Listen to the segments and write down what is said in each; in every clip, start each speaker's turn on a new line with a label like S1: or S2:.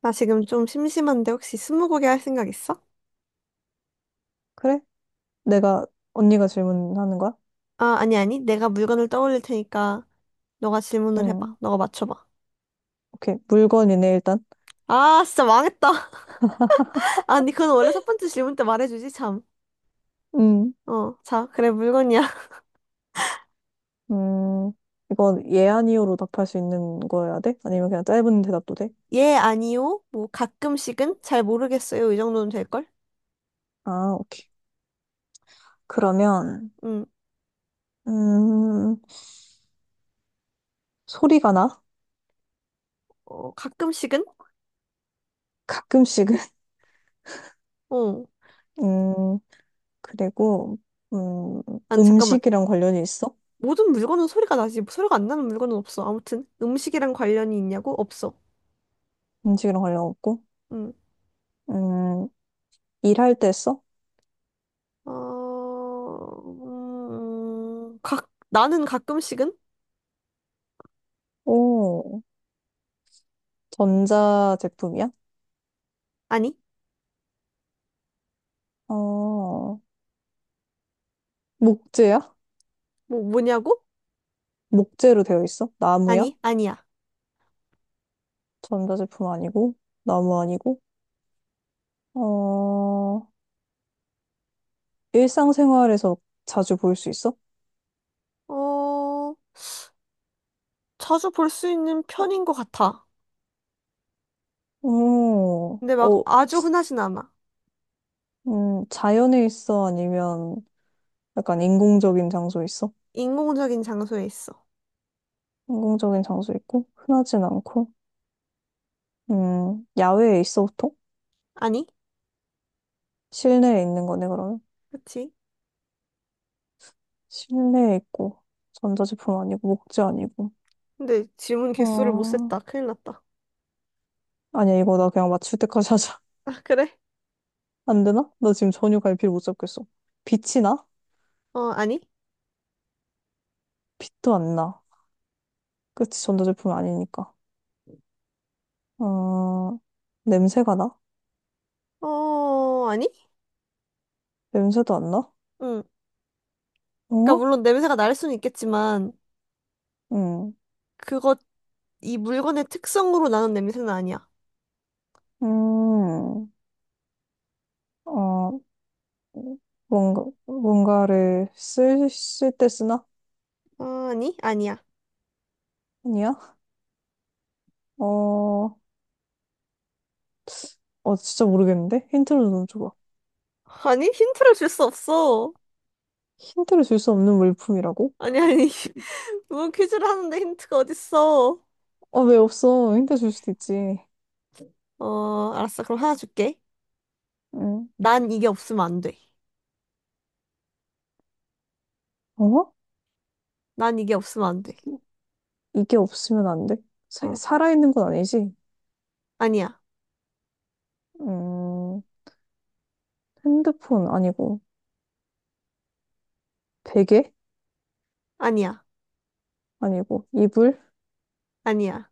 S1: 나 지금 좀 심심한데 혹시 스무고개 할 생각 있어?
S2: 그래? 내가, 언니가 질문하는 거야?
S1: 아, 아니, 아니. 내가 물건을 떠올릴 테니까 너가 질문을 해봐.
S2: 응.
S1: 너가 맞춰봐.
S2: 오케이. 물건이네, 일단.
S1: 아, 진짜 망했다. 아니, 그건 원래 첫 번째 질문 때 말해주지, 참.
S2: 음.
S1: 어, 자, 그래, 물건이야.
S2: 음. 이건 예, 아니요로 답할 수 있는 거여야 돼? 아니면 그냥 짧은 대답도 돼?
S1: 예, 아니요. 뭐, 가끔씩은? 잘 모르겠어요. 이 정도는 될걸?
S2: 아, 오케이. 그러면,
S1: 응,
S2: 음, 소리가 나?
S1: 어, 가끔씩은?
S2: 가끔씩은?
S1: 어.
S2: 음, 그리고, 음,
S1: 아니, 잠깐만.
S2: 음식이랑 관련이 있어?
S1: 모든 물건은 소리가 나지. 소리가 안 나는 물건은 없어. 아무튼, 음식이랑 관련이 있냐고? 없어.
S2: 음식이랑 관련 없고?
S1: 응.
S2: 음, 일할 때 써?
S1: 어, 나는 가끔씩은?
S2: 오, 전자제품이야?
S1: 아니,
S2: 어, 목재야?
S1: 뭐냐고?
S2: 목재로 되어 있어? 나무야?
S1: 아니, 아니야.
S2: 전자제품 아니고, 나무 아니고, 어, 일상생활에서 자주 볼 수 있어?
S1: 어, 자주 볼 수 있는 편인 것 같아.
S2: 오,
S1: 근데 막
S2: 어,
S1: 아주 흔하진 않아.
S2: 자연에 있어? 아니면 약간 인공적인 장소에 있어?
S1: 인공적인 장소에 있어.
S2: 인공적인 장소 있고, 흔하진 않고, 야외에 있어, 보통?
S1: 아니?
S2: 실내에 있는 거네, 그러면.
S1: 그치?
S2: 실내에 있고, 전자제품 아니고, 목재 아니고,
S1: 근데 질문 개수를 못
S2: 어,
S1: 셌다. 큰일 났다.
S2: 아니야, 이거 나 그냥 맞출 때까지 하자.
S1: 아, 그래?
S2: 안 되나? 나 지금 전혀 갈피를 못 잡겠어. 빛이 나?
S1: 어, 아니?
S2: 빛도 안 나. 그치, 전자제품 아니니까. 어, 냄새가 나?
S1: 어, 아니?
S2: 냄새도 안 나?
S1: 응. 그러니까
S2: 어?
S1: 물론 냄새가 날 수는 있겠지만,
S2: 응.
S1: 그거 이 물건의 특성으로 나는 냄새는 아니야.
S2: 음, 어, 뭔가를 쓸 때 쓰나?
S1: 아니, 아니야.
S2: 아니야? 어, 어, 진짜 모르겠는데? 힌트를 좀 줘봐.
S1: 아니, 힌트를 줄 수 없어.
S2: 힌트를 줄 수 없는 물품이라고?
S1: 아니, 아니. 뭐 퀴즈를 하는데 힌트가 어딨어.
S2: 아, 왜 없어? 힌트 줄 수도 있지.
S1: 어, 알았어. 그럼 하나 줄게.
S2: 응.
S1: 난 이게 없으면 안 돼.
S2: 어?
S1: 난 이게 없으면 안 돼.
S2: 이게 없으면 안 돼? 사,
S1: 어,
S2: 살아있는 건 아니지?
S1: 아니야.
S2: 음, 핸드폰 아니고, 베개?
S1: 아니야.
S2: 아니고, 이불?
S1: 아니야.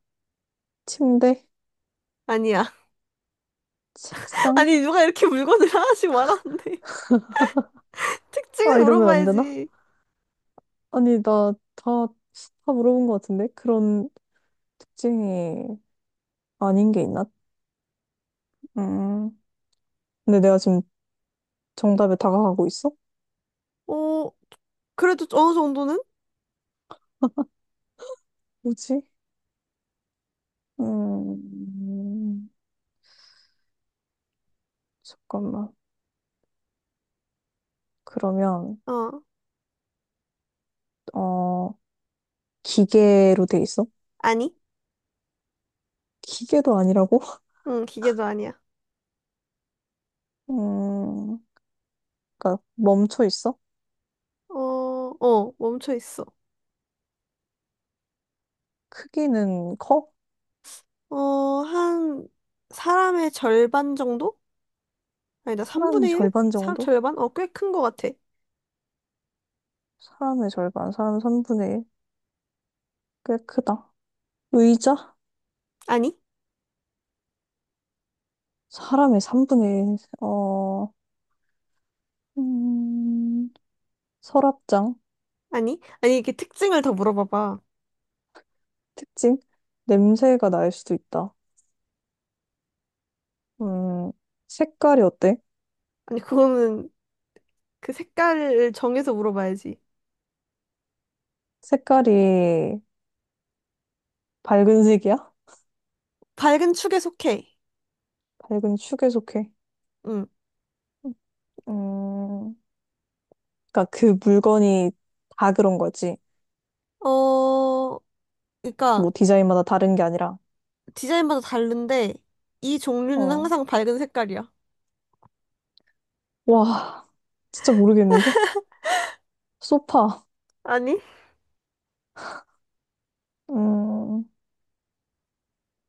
S2: 침대?
S1: 아니야.
S2: 책상?
S1: 아니, 누가 이렇게 물건을 하나씩 말하는데.
S2: 아,
S1: 특징을
S2: 이러면 안 되나?
S1: 물어봐야지.
S2: 아니, 나 다, 다 물어본 것 같은데? 그런 특징이 아닌 게 있나? 음. 근데 내가 지금 정답에 다가가고 있어?
S1: 어, 그래도 어느 정도는?
S2: 뭐지? 음, 잠깐만. 그러면,
S1: 어,
S2: 어, 기계로 돼 있어?
S1: 아니.
S2: 기계도 아니라고?
S1: 응, 기계도 아니야.
S2: 음, 그러니까 멈춰 있어?
S1: 어, 어, 멈춰 있어.
S2: 크기는 커?
S1: 어, 한 사람의 절반 정도? 아니다,
S2: 사람의
S1: 3분의 1?
S2: 절반 정도?
S1: 절반? 어, 꽤 큰 것 같아.
S2: 사람의 절반, 사람 3분의 1. 꽤 크다. 의자?
S1: 아니,
S2: 사람의 3분의 1, 어, 음, 서랍장?
S1: 아니, 아니, 이렇게 특징을 더 물어봐봐.
S2: 특징? 냄새가 날 수도 있다. 음, 색깔이 어때?
S1: 아니, 그거는 그 색깔을 정해서 물어봐야지.
S2: 색깔이 밝은 색이야?
S1: 밝은 축에 속해.
S2: 밝은 축에 속해.
S1: 응.
S2: 음, 그니까 그 물건이 다 그런 거지.
S1: 어, 그러니까
S2: 뭐 디자인마다 다른 게 아니라.
S1: 디자인마다 다른데 이 종류는
S2: 어.
S1: 항상 밝은 색깔이야.
S2: 와, 진짜 모르겠는데? 소파.
S1: 아니,
S2: 음,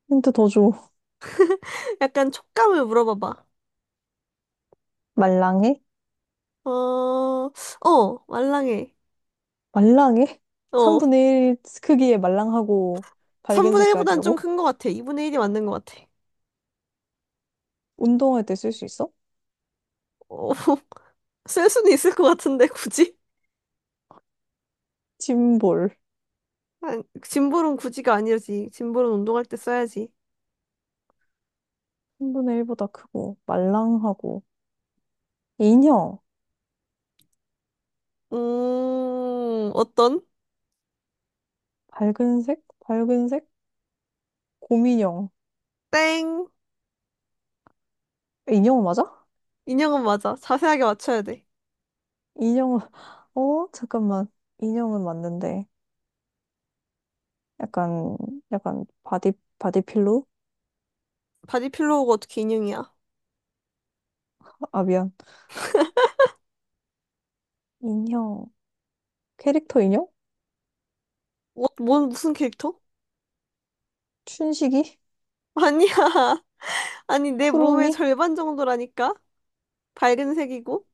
S2: 힌트 더 줘.
S1: 약간 촉감을 물어봐봐.
S2: 말랑해?
S1: 어, 어, 말랑해.
S2: 말랑해?
S1: 어,
S2: 3분의 1 크기의 말랑하고 밝은
S1: 3분의 1보단 좀
S2: 색깔이라고?
S1: 큰 것 같아. 2분의 1이 맞는 것 같아.
S2: 운동할 때 쓸 수 있어?
S1: 어, 쓸 수는 있을 것 같은데, 굳이?
S2: 짐볼.
S1: 아, 짐볼은 굳이가 아니지. 짐볼은 운동할 때 써야지.
S2: 3분의 1보다 크고, 말랑하고. 인형.
S1: 어떤?
S2: 밝은 색? 밝은 색? 곰인형.
S1: 땡.
S2: 인형은 맞아?
S1: 인형은 맞아. 자세하게 맞춰야 돼.
S2: 인형은, 어? 잠깐만. 인형은 맞는데. 약간, 약간, 바디필로?
S1: 바디 필로우가 어떻게 인형이야?
S2: 아, 미안. 인형. 캐릭터 인형?
S1: 무슨 캐릭터?
S2: 춘식이?
S1: 아니야. 아니, 내 몸의
S2: 쿠루미?
S1: 절반 정도라니까? 밝은 색이고?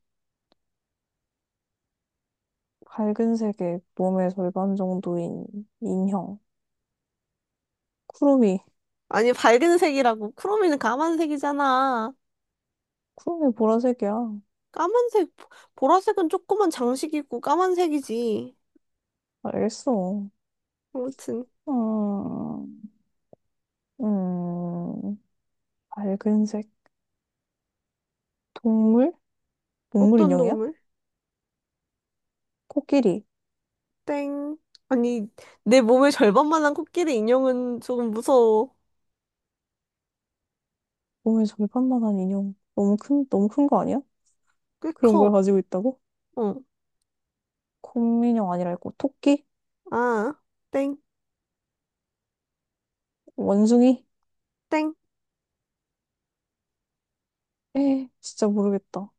S2: 밝은 색의 몸의 절반 정도인 인형. 쿠루미.
S1: 아니, 밝은 색이라고. 크롬이는 까만 색이잖아.
S2: 구름이 보라색이야.
S1: 까만색, 보- 라색은 조그만 장식이고 까만색이지.
S2: 알겠어.
S1: 아무튼,
S2: 음, 음, 밝은색. 동물? 동물
S1: 어떤
S2: 인형이야?
S1: 동물?
S2: 코끼리.
S1: 땡. 아니, 내 몸의 절반만한 코끼리 인형은 조금 무서워.
S2: 몸에 절반만한 인형. 너무 큰 거 아니야?
S1: 꽤
S2: 그런 걸
S1: 커.
S2: 가지고 있다고?
S1: 어,
S2: 곰인형 아니라 있고, 토끼?
S1: 아, 땡,
S2: 원숭이?
S1: 땡.
S2: 에, 진짜 모르겠다.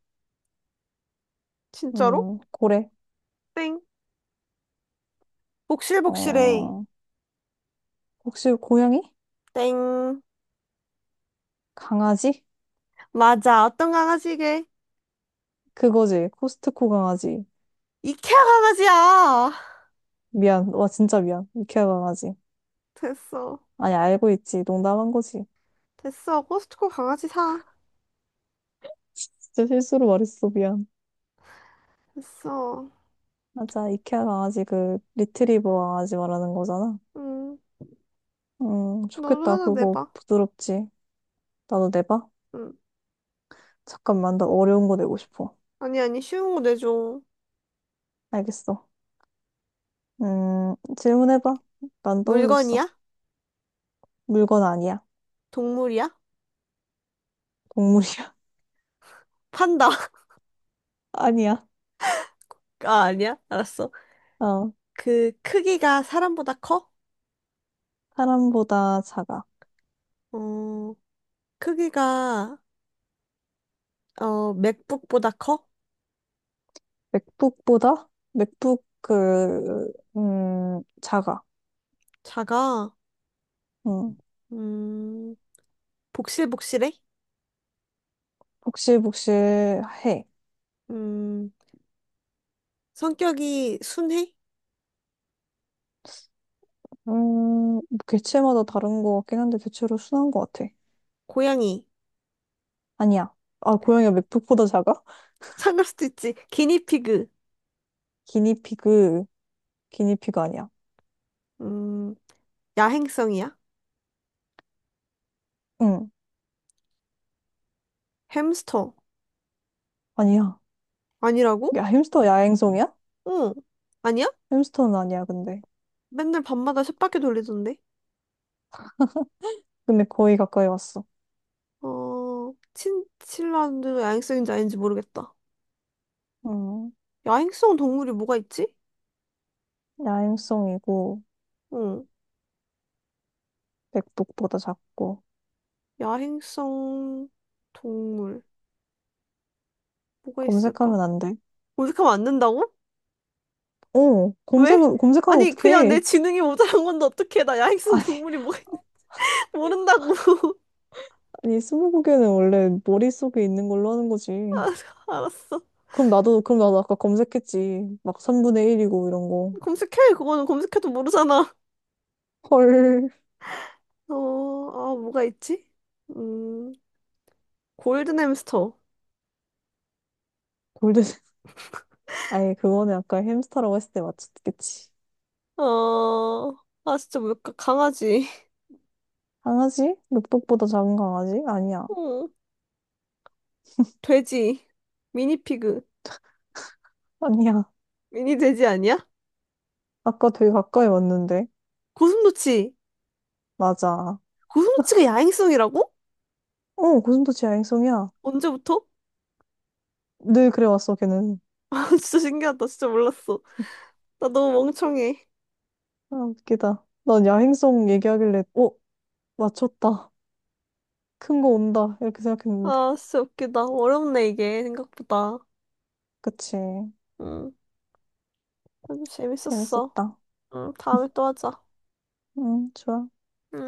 S1: 진짜로?
S2: 고래.
S1: 땡. 복실복실해.
S2: 어, 혹시 고양이?
S1: 땡.
S2: 강아지?
S1: 맞아, 어떤 강아지게?
S2: 그거지. 코스트코 강아지.
S1: 이케아 강아지야!
S2: 미안. 와, 진짜 미안. 이케아 강아지.
S1: 됐어.
S2: 아니, 알고 있지. 농담한 거지.
S1: 됐어. 코스트코 강아지 사.
S2: 진짜 실수로 말했어. 미안.
S1: 됐어.
S2: 맞아, 이케아 강아지 그 리트리버 강아지 말하는 거잖아.
S1: 음, 너도
S2: 좋겠다.
S1: 하나
S2: 그거
S1: 내봐.
S2: 부드럽지. 나도 내봐.
S1: 응.
S2: 잠깐만, 나 어려운 거 내고 싶어.
S1: 아니, 아니, 쉬운 거 내줘.
S2: 알겠어. 질문해봐. 난 떠올렸어.
S1: 물건이야?
S2: 물건 아니야.
S1: 동물이야?
S2: 동물이야.
S1: 판다.
S2: 아니야.
S1: 아, 아니야? 알았어.
S2: 어,
S1: 그 크기가 사람보다 커?
S2: 사람보다 작아.
S1: 어, 크기가 어, 맥북보다 커?
S2: 맥북보다? 맥북 그, 작아.
S1: 작아.
S2: 음,
S1: 음, 복실복실해?
S2: 복실복실해.
S1: 음, 성격이 순해?
S2: 뭐 개체마다 다른 거 같긴 한데 대체로 순한 거 같아.
S1: 고양이.
S2: 아니야. 아, 고양이가 맥북보다 작아?
S1: 상할 수도 있지. 기니피그.
S2: 기니피그, 기니피그 아니야.
S1: 음, 야행성이야?
S2: 응,
S1: 햄스터.
S2: 아니야.
S1: 아니라고?
S2: 야, 햄스터 야행성이야?
S1: 어, 아니야?
S2: 햄스터는 아니야, 근데.
S1: 맨날 밤마다 쳇바퀴 돌리던데.
S2: 근데 거의 가까이 왔어.
S1: 어, 친칠라도 야행성인지 아닌지 모르겠다.
S2: 응,
S1: 야행성 동물이 뭐가 있지?
S2: 야행성이고,
S1: 어,
S2: 맥북보다 작고.
S1: 야행성 동물 뭐가 있을까?
S2: 검색하면 안 돼.
S1: 검색하면 안 된다고?
S2: 어,
S1: 왜?
S2: 검색하면
S1: 아니 그냥 내
S2: 어떡해.
S1: 지능이 모자란 건데 어떻게 나 야행성
S2: 아니,
S1: 동물이 뭐가 있는 모른다고?
S2: 아니, 스무고개는 원래 머릿속에 있는 걸로 하는 거지.
S1: 아, 알았어.
S2: 그럼 나도 아까 검색했지. 막 3분의 1이고 이런 거.
S1: 검색해 그거는 검색해도 모르잖아.
S2: 헐.
S1: 어, 아 뭐가 있지? 음, 골든 햄스터.
S2: 골든. 아니, 그거는 아까 햄스터라고 했을 때 맞췄겠지.
S1: 어, 아 진짜 뭘까? 강아지.
S2: 강아지? 늑독보다 작은 강아지? 아니야.
S1: 어, 돼지. 미니 피그.
S2: 아니야.
S1: 미니 돼지 아니야?
S2: 아까 되게 가까이 왔는데.
S1: 고슴도치.
S2: 맞아.
S1: 고소치가 야행성이라고?
S2: 어, 고슴도치 야행성이야.
S1: 언제부터?
S2: 늘 그래 왔어, 걔는.
S1: 아, 진짜 신기하다. 진짜 몰랐어. 나 너무 멍청해.
S2: 아, 웃기다. 난 야행성 얘기하길래, 어, 맞췄다. 큰 거 온다. 이렇게 생각했는데.
S1: 아, 진짜 웃기다. 어렵네, 이게, 생각보다.
S2: 그치.
S1: 응. 아주 재밌었어.
S2: 재밌었다.
S1: 응, 다음에 또 하자.
S2: 응, 좋아.
S1: 응.